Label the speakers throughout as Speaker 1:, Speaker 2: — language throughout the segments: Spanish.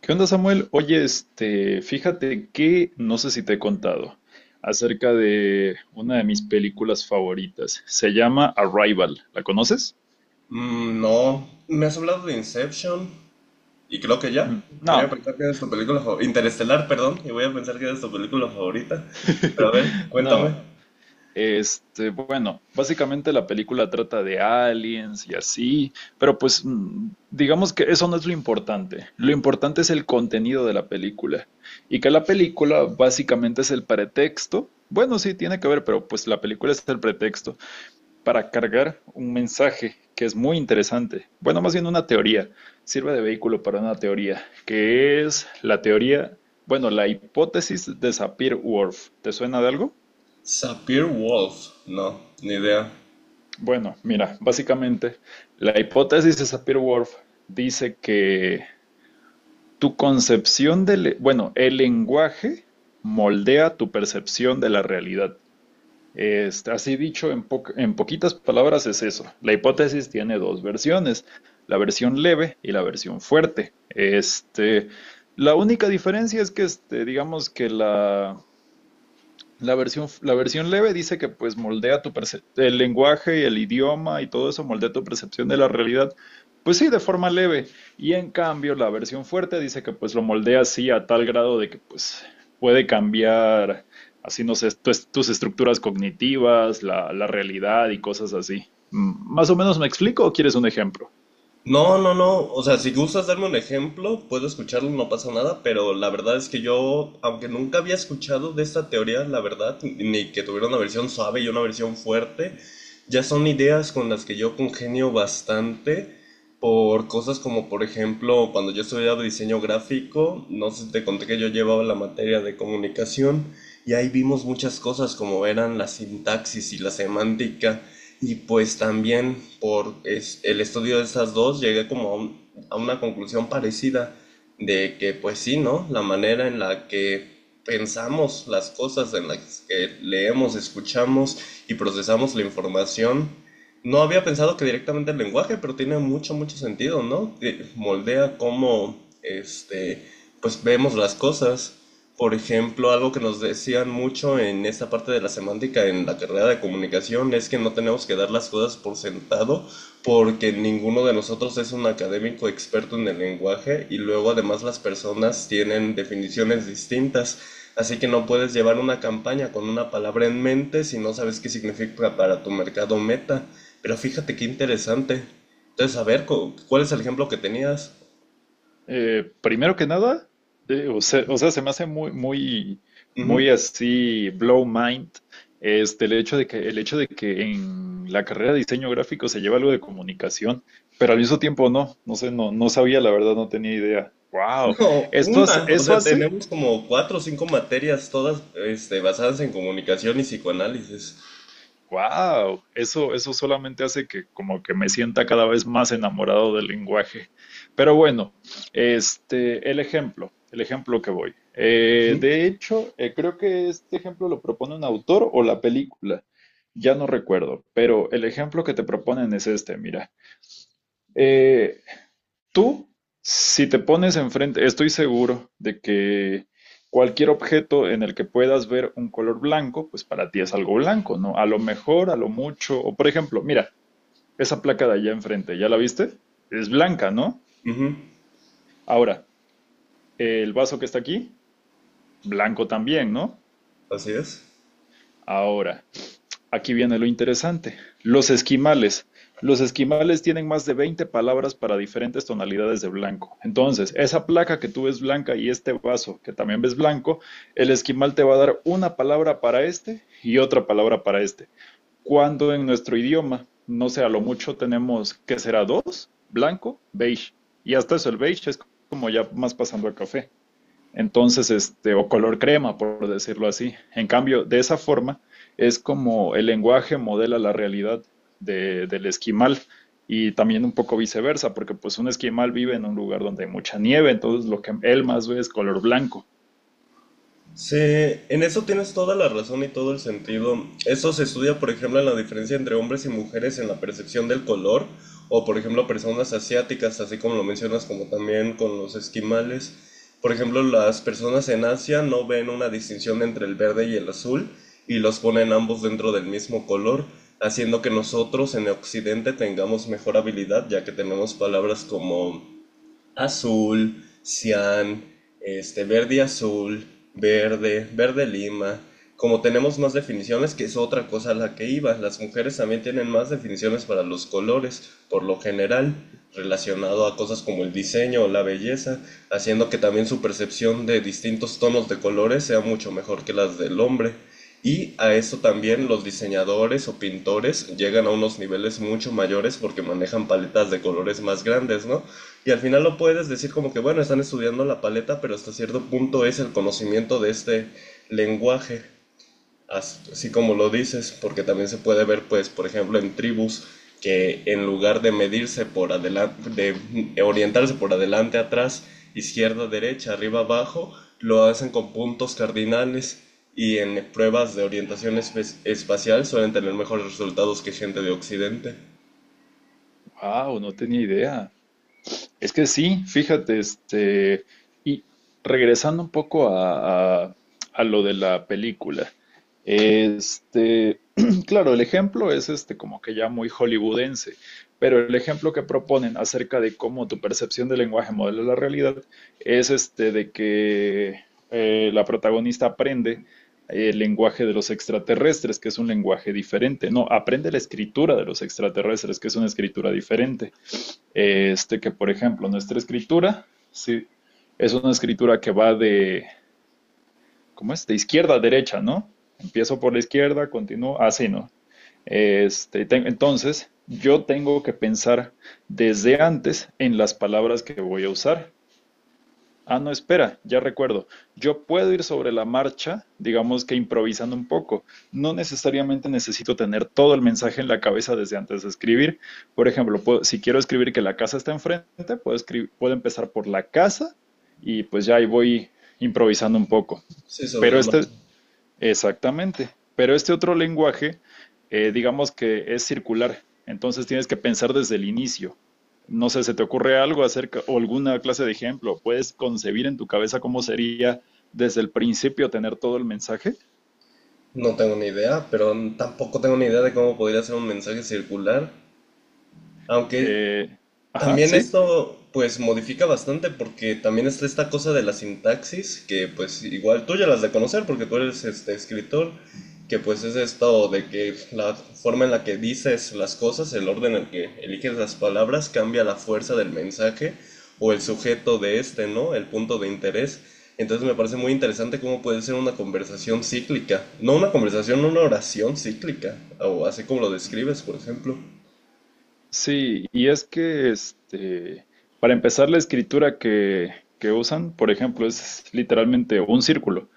Speaker 1: ¿Qué onda, Samuel? Oye, fíjate que no sé si te he contado acerca de una de mis películas favoritas. Se llama Arrival. ¿La conoces?
Speaker 2: Mm, no, me has hablado de Inception y creo que ya.
Speaker 1: Mm,
Speaker 2: Voy a
Speaker 1: no.
Speaker 2: pensar que es tu película favorita. Interestelar, perdón, y voy a pensar que es tu película favorita. Pero a ver, cuéntame.
Speaker 1: No. Bueno, básicamente la película trata de aliens y así, pero pues digamos que eso no es lo importante. Lo importante es el contenido de la película y que la película básicamente es el pretexto. Bueno, sí, tiene que ver, pero pues la película es el pretexto para cargar un mensaje que es muy interesante. Bueno, más bien una teoría. Sirve de vehículo para una teoría, que es la teoría, bueno, la hipótesis de Sapir-Whorf. ¿Te suena de algo?
Speaker 2: Sapir Wolf. No, ni idea.
Speaker 1: Bueno, mira, básicamente la hipótesis de Sapir-Whorf dice que tu concepción del, bueno, el lenguaje moldea tu percepción de la realidad. Así dicho, en poquitas palabras es eso. La hipótesis tiene dos versiones, la versión leve y la versión fuerte. La única diferencia es que, digamos que la versión leve dice que pues el lenguaje y el idioma y todo eso moldea tu percepción de la realidad. Pues sí, de forma leve. Y en cambio, la versión fuerte dice que pues lo moldea así a tal grado de que pues puede cambiar así, no sé, tus estructuras cognitivas, la realidad y cosas así. Mm, ¿más o menos me explico o quieres un ejemplo?
Speaker 2: No, no, no. O sea, si gustas darme un ejemplo, puedo escucharlo, no pasa nada, pero la verdad es que yo, aunque nunca había escuchado de esta teoría, la verdad, ni que tuviera una versión suave y una versión fuerte, ya son ideas con las que yo congenio bastante por cosas como, por ejemplo, cuando yo estudiaba diseño gráfico, no sé si te conté que yo llevaba la materia de comunicación y ahí vimos muchas cosas como eran la sintaxis y la semántica. Y pues también por el estudio de esas dos llegué como a, a una conclusión parecida de que pues sí, ¿no? La manera en la que pensamos las cosas, en las que leemos, escuchamos y procesamos la información. No había pensado que directamente el lenguaje, pero tiene mucho, mucho sentido, ¿no? Moldea cómo, este, pues vemos las cosas. Por ejemplo, algo que nos decían mucho en esta parte de la semántica en la carrera de comunicación es que no tenemos que dar las cosas por sentado porque ninguno de nosotros es un académico experto en el lenguaje y luego además las personas tienen definiciones distintas, así que no puedes llevar una campaña con una palabra en mente si no sabes qué significa para tu mercado meta. Pero fíjate qué interesante. Entonces, a ver, ¿cuál es el ejemplo que tenías?
Speaker 1: Primero que nada, o sea, se me hace muy, muy,
Speaker 2: Ujú.
Speaker 1: muy así, blow mind, el hecho de que, el hecho de que en la carrera de diseño gráfico se lleva algo de comunicación, pero al mismo tiempo no, no sé, no sabía, la verdad, no tenía idea. Wow,
Speaker 2: No,
Speaker 1: eso hace,
Speaker 2: una, o
Speaker 1: eso
Speaker 2: sea,
Speaker 1: hace
Speaker 2: tenemos como cuatro o cinco materias todas, basadas en comunicación y psicoanálisis.
Speaker 1: Wow, eso solamente hace que como que me sienta cada vez más enamorado del lenguaje. Pero bueno, el ejemplo que voy.
Speaker 2: Ujú,
Speaker 1: De hecho, creo que este ejemplo lo propone un autor o la película, ya no recuerdo, pero el ejemplo que te proponen es este, mira. Eh, Tú, si te pones enfrente, estoy seguro de que cualquier objeto en el que puedas ver un color blanco, pues para ti es algo blanco, ¿no? A lo mejor, a lo mucho, o por ejemplo, mira, esa placa de allá enfrente, ¿ya la viste? Es blanca, ¿no?
Speaker 2: ujú,
Speaker 1: Ahora, el vaso que está aquí, blanco también, ¿no?
Speaker 2: así es.
Speaker 1: Ahora, aquí viene lo interesante. Los esquimales. Los esquimales tienen más de 20 palabras para diferentes tonalidades de blanco. Entonces, esa placa que tú ves blanca y este vaso que también ves blanco, el esquimal te va a dar una palabra para este y otra palabra para este. Cuando en nuestro idioma, no sé, a lo mucho tenemos que será dos, blanco, beige. Y hasta eso el beige es como ya más pasando al café. Entonces, o color crema, por decirlo así. En cambio, de esa forma es como el lenguaje modela la realidad del esquimal y también un poco viceversa, porque pues un esquimal vive en un lugar donde hay mucha nieve, entonces lo que él más ve es color blanco.
Speaker 2: Sí, en eso tienes toda la razón y todo el sentido. Eso se estudia, por ejemplo, en la diferencia entre hombres y mujeres en la percepción del color, o por ejemplo, personas asiáticas, así como lo mencionas, como también con los esquimales. Por ejemplo, las personas en Asia no ven una distinción entre el verde y el azul y los ponen ambos dentro del mismo color, haciendo que nosotros en Occidente tengamos mejor habilidad, ya que tenemos palabras como azul, cian, verde y azul, verde, verde lima. Como tenemos más definiciones, que es otra cosa a la que iba, las mujeres también tienen más definiciones para los colores, por lo general, relacionado a cosas como el diseño o la belleza, haciendo que también su percepción de distintos tonos de colores sea mucho mejor que las del hombre. Y a eso también los diseñadores o pintores llegan a unos niveles mucho mayores porque manejan paletas de colores más grandes, ¿no? Y al final lo puedes decir como que, bueno, están estudiando la paleta, pero hasta cierto punto es el conocimiento de este lenguaje, así como lo dices, porque también se puede ver, pues, por ejemplo, en tribus que en lugar de medirse por adelante, de orientarse por adelante, atrás, izquierda, derecha, arriba, abajo, lo hacen con puntos cardinales y en pruebas de orientación espacial suelen tener mejores resultados que gente de Occidente.
Speaker 1: Wow, no tenía idea. Es que sí, fíjate, y regresando un poco a, a lo de la película, este, claro, el ejemplo es este como que ya muy hollywoodense, pero el ejemplo que proponen acerca de cómo tu percepción del lenguaje modela la realidad es este de que la protagonista aprende el lenguaje de los extraterrestres, que es un lenguaje diferente, no, aprende la escritura de los extraterrestres, que es una escritura diferente. Este que, por ejemplo, nuestra escritura, sí, es una escritura que va de, ¿cómo es? De izquierda a derecha, ¿no? Empiezo por la izquierda, continúo, así, ¿no? Entonces, yo tengo que pensar desde antes en las palabras que voy a usar. Ah, no, espera, ya recuerdo. Yo puedo ir sobre la marcha, digamos que improvisando un poco. No necesariamente necesito tener todo el mensaje en la cabeza desde antes de escribir. Por ejemplo, si quiero escribir que la casa está enfrente, puedo escribir, puedo empezar por la casa y pues ya ahí voy improvisando un poco.
Speaker 2: Sí, sobre
Speaker 1: Pero
Speaker 2: la marcha.
Speaker 1: exactamente. Pero este otro lenguaje, digamos que es circular. Entonces tienes que pensar desde el inicio. No sé, ¿se te ocurre algo acerca o alguna clase de ejemplo? ¿Puedes concebir en tu cabeza cómo sería desde el principio tener todo el mensaje?
Speaker 2: No tengo ni idea, pero tampoco tengo ni idea de cómo podría ser un mensaje circular. Aunque
Speaker 1: Eh, ajá,
Speaker 2: también
Speaker 1: sí.
Speaker 2: esto pues modifica bastante porque también está esta cosa de la sintaxis que pues igual tú ya las de conocer porque tú eres este escritor que pues es esto de que la forma en la que dices las cosas, el orden en el que eliges las palabras cambia la fuerza del mensaje o el sujeto de este, ¿no? El punto de interés. Entonces me parece muy interesante cómo puede ser una conversación cíclica, no una conversación, una oración cíclica, o así como lo describes, por ejemplo.
Speaker 1: Sí, y es que para empezar, la escritura que usan, por ejemplo, es literalmente un círculo.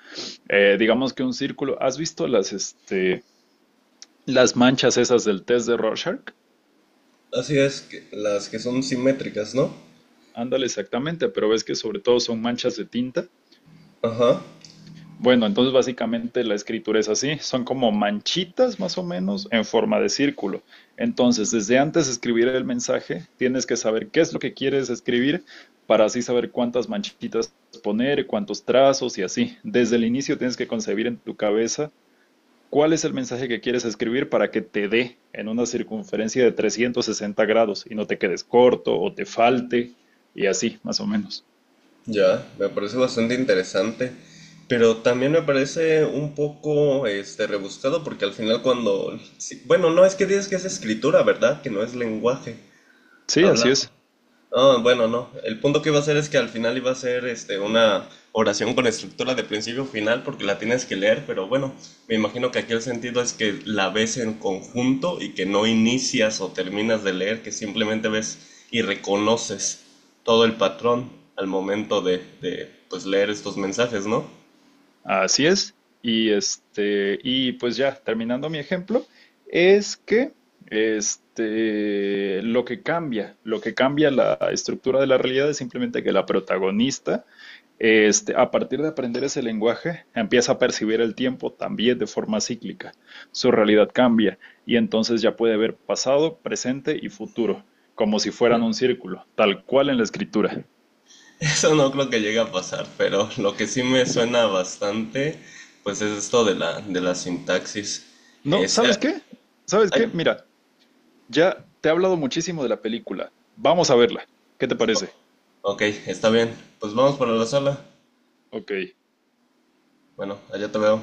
Speaker 1: Digamos que un círculo. ¿Has visto las, las manchas esas del test de Rorschach?
Speaker 2: Así es, las que son simétricas, ¿no?
Speaker 1: Ándale, exactamente, pero ves que sobre todo son manchas de tinta.
Speaker 2: Ajá,
Speaker 1: Bueno, entonces básicamente la escritura es así, son como manchitas más o menos en forma de círculo. Entonces, desde antes de escribir el mensaje, tienes que saber qué es lo que quieres escribir para así saber cuántas manchitas poner, cuántos trazos y así. Desde el inicio tienes que concebir en tu cabeza cuál es el mensaje que quieres escribir para que te dé en una circunferencia de 360 grados y no te quedes corto o te falte y así, más o menos.
Speaker 2: ya, me parece bastante interesante, pero también me parece un poco, rebuscado porque al final cuando, sí, bueno, no es que digas que es escritura, ¿verdad? Que no es lenguaje
Speaker 1: Sí, así
Speaker 2: hablado.
Speaker 1: es,
Speaker 2: Ah, bueno, no. El punto que iba a hacer es que al final iba a ser una oración con estructura de principio a final porque la tienes que leer, pero bueno, me imagino que aquí el sentido es que la ves en conjunto y que no inicias o terminas de leer, que simplemente ves y reconoces todo el patrón al momento de pues, leer estos mensajes, ¿no?
Speaker 1: así es. Y y pues ya, terminando mi ejemplo, es que lo que cambia la estructura de la realidad es simplemente que la protagonista, a partir de aprender ese lenguaje, empieza a percibir el tiempo también de forma cíclica. Su realidad cambia y entonces ya puede ver pasado, presente y futuro, como si fueran un círculo, tal cual en la escritura.
Speaker 2: Eso no creo que llegue a pasar, pero lo que sí me suena bastante, pues es esto de la sintaxis.
Speaker 1: No,
Speaker 2: Es,
Speaker 1: ¿sabes qué? ¿Sabes qué?
Speaker 2: hay,
Speaker 1: Mira, ya te he hablado muchísimo de la película. Vamos a verla. ¿Qué te parece?
Speaker 2: ok, está bien. Pues vamos para la sala.
Speaker 1: Ok.
Speaker 2: Bueno, allá te veo.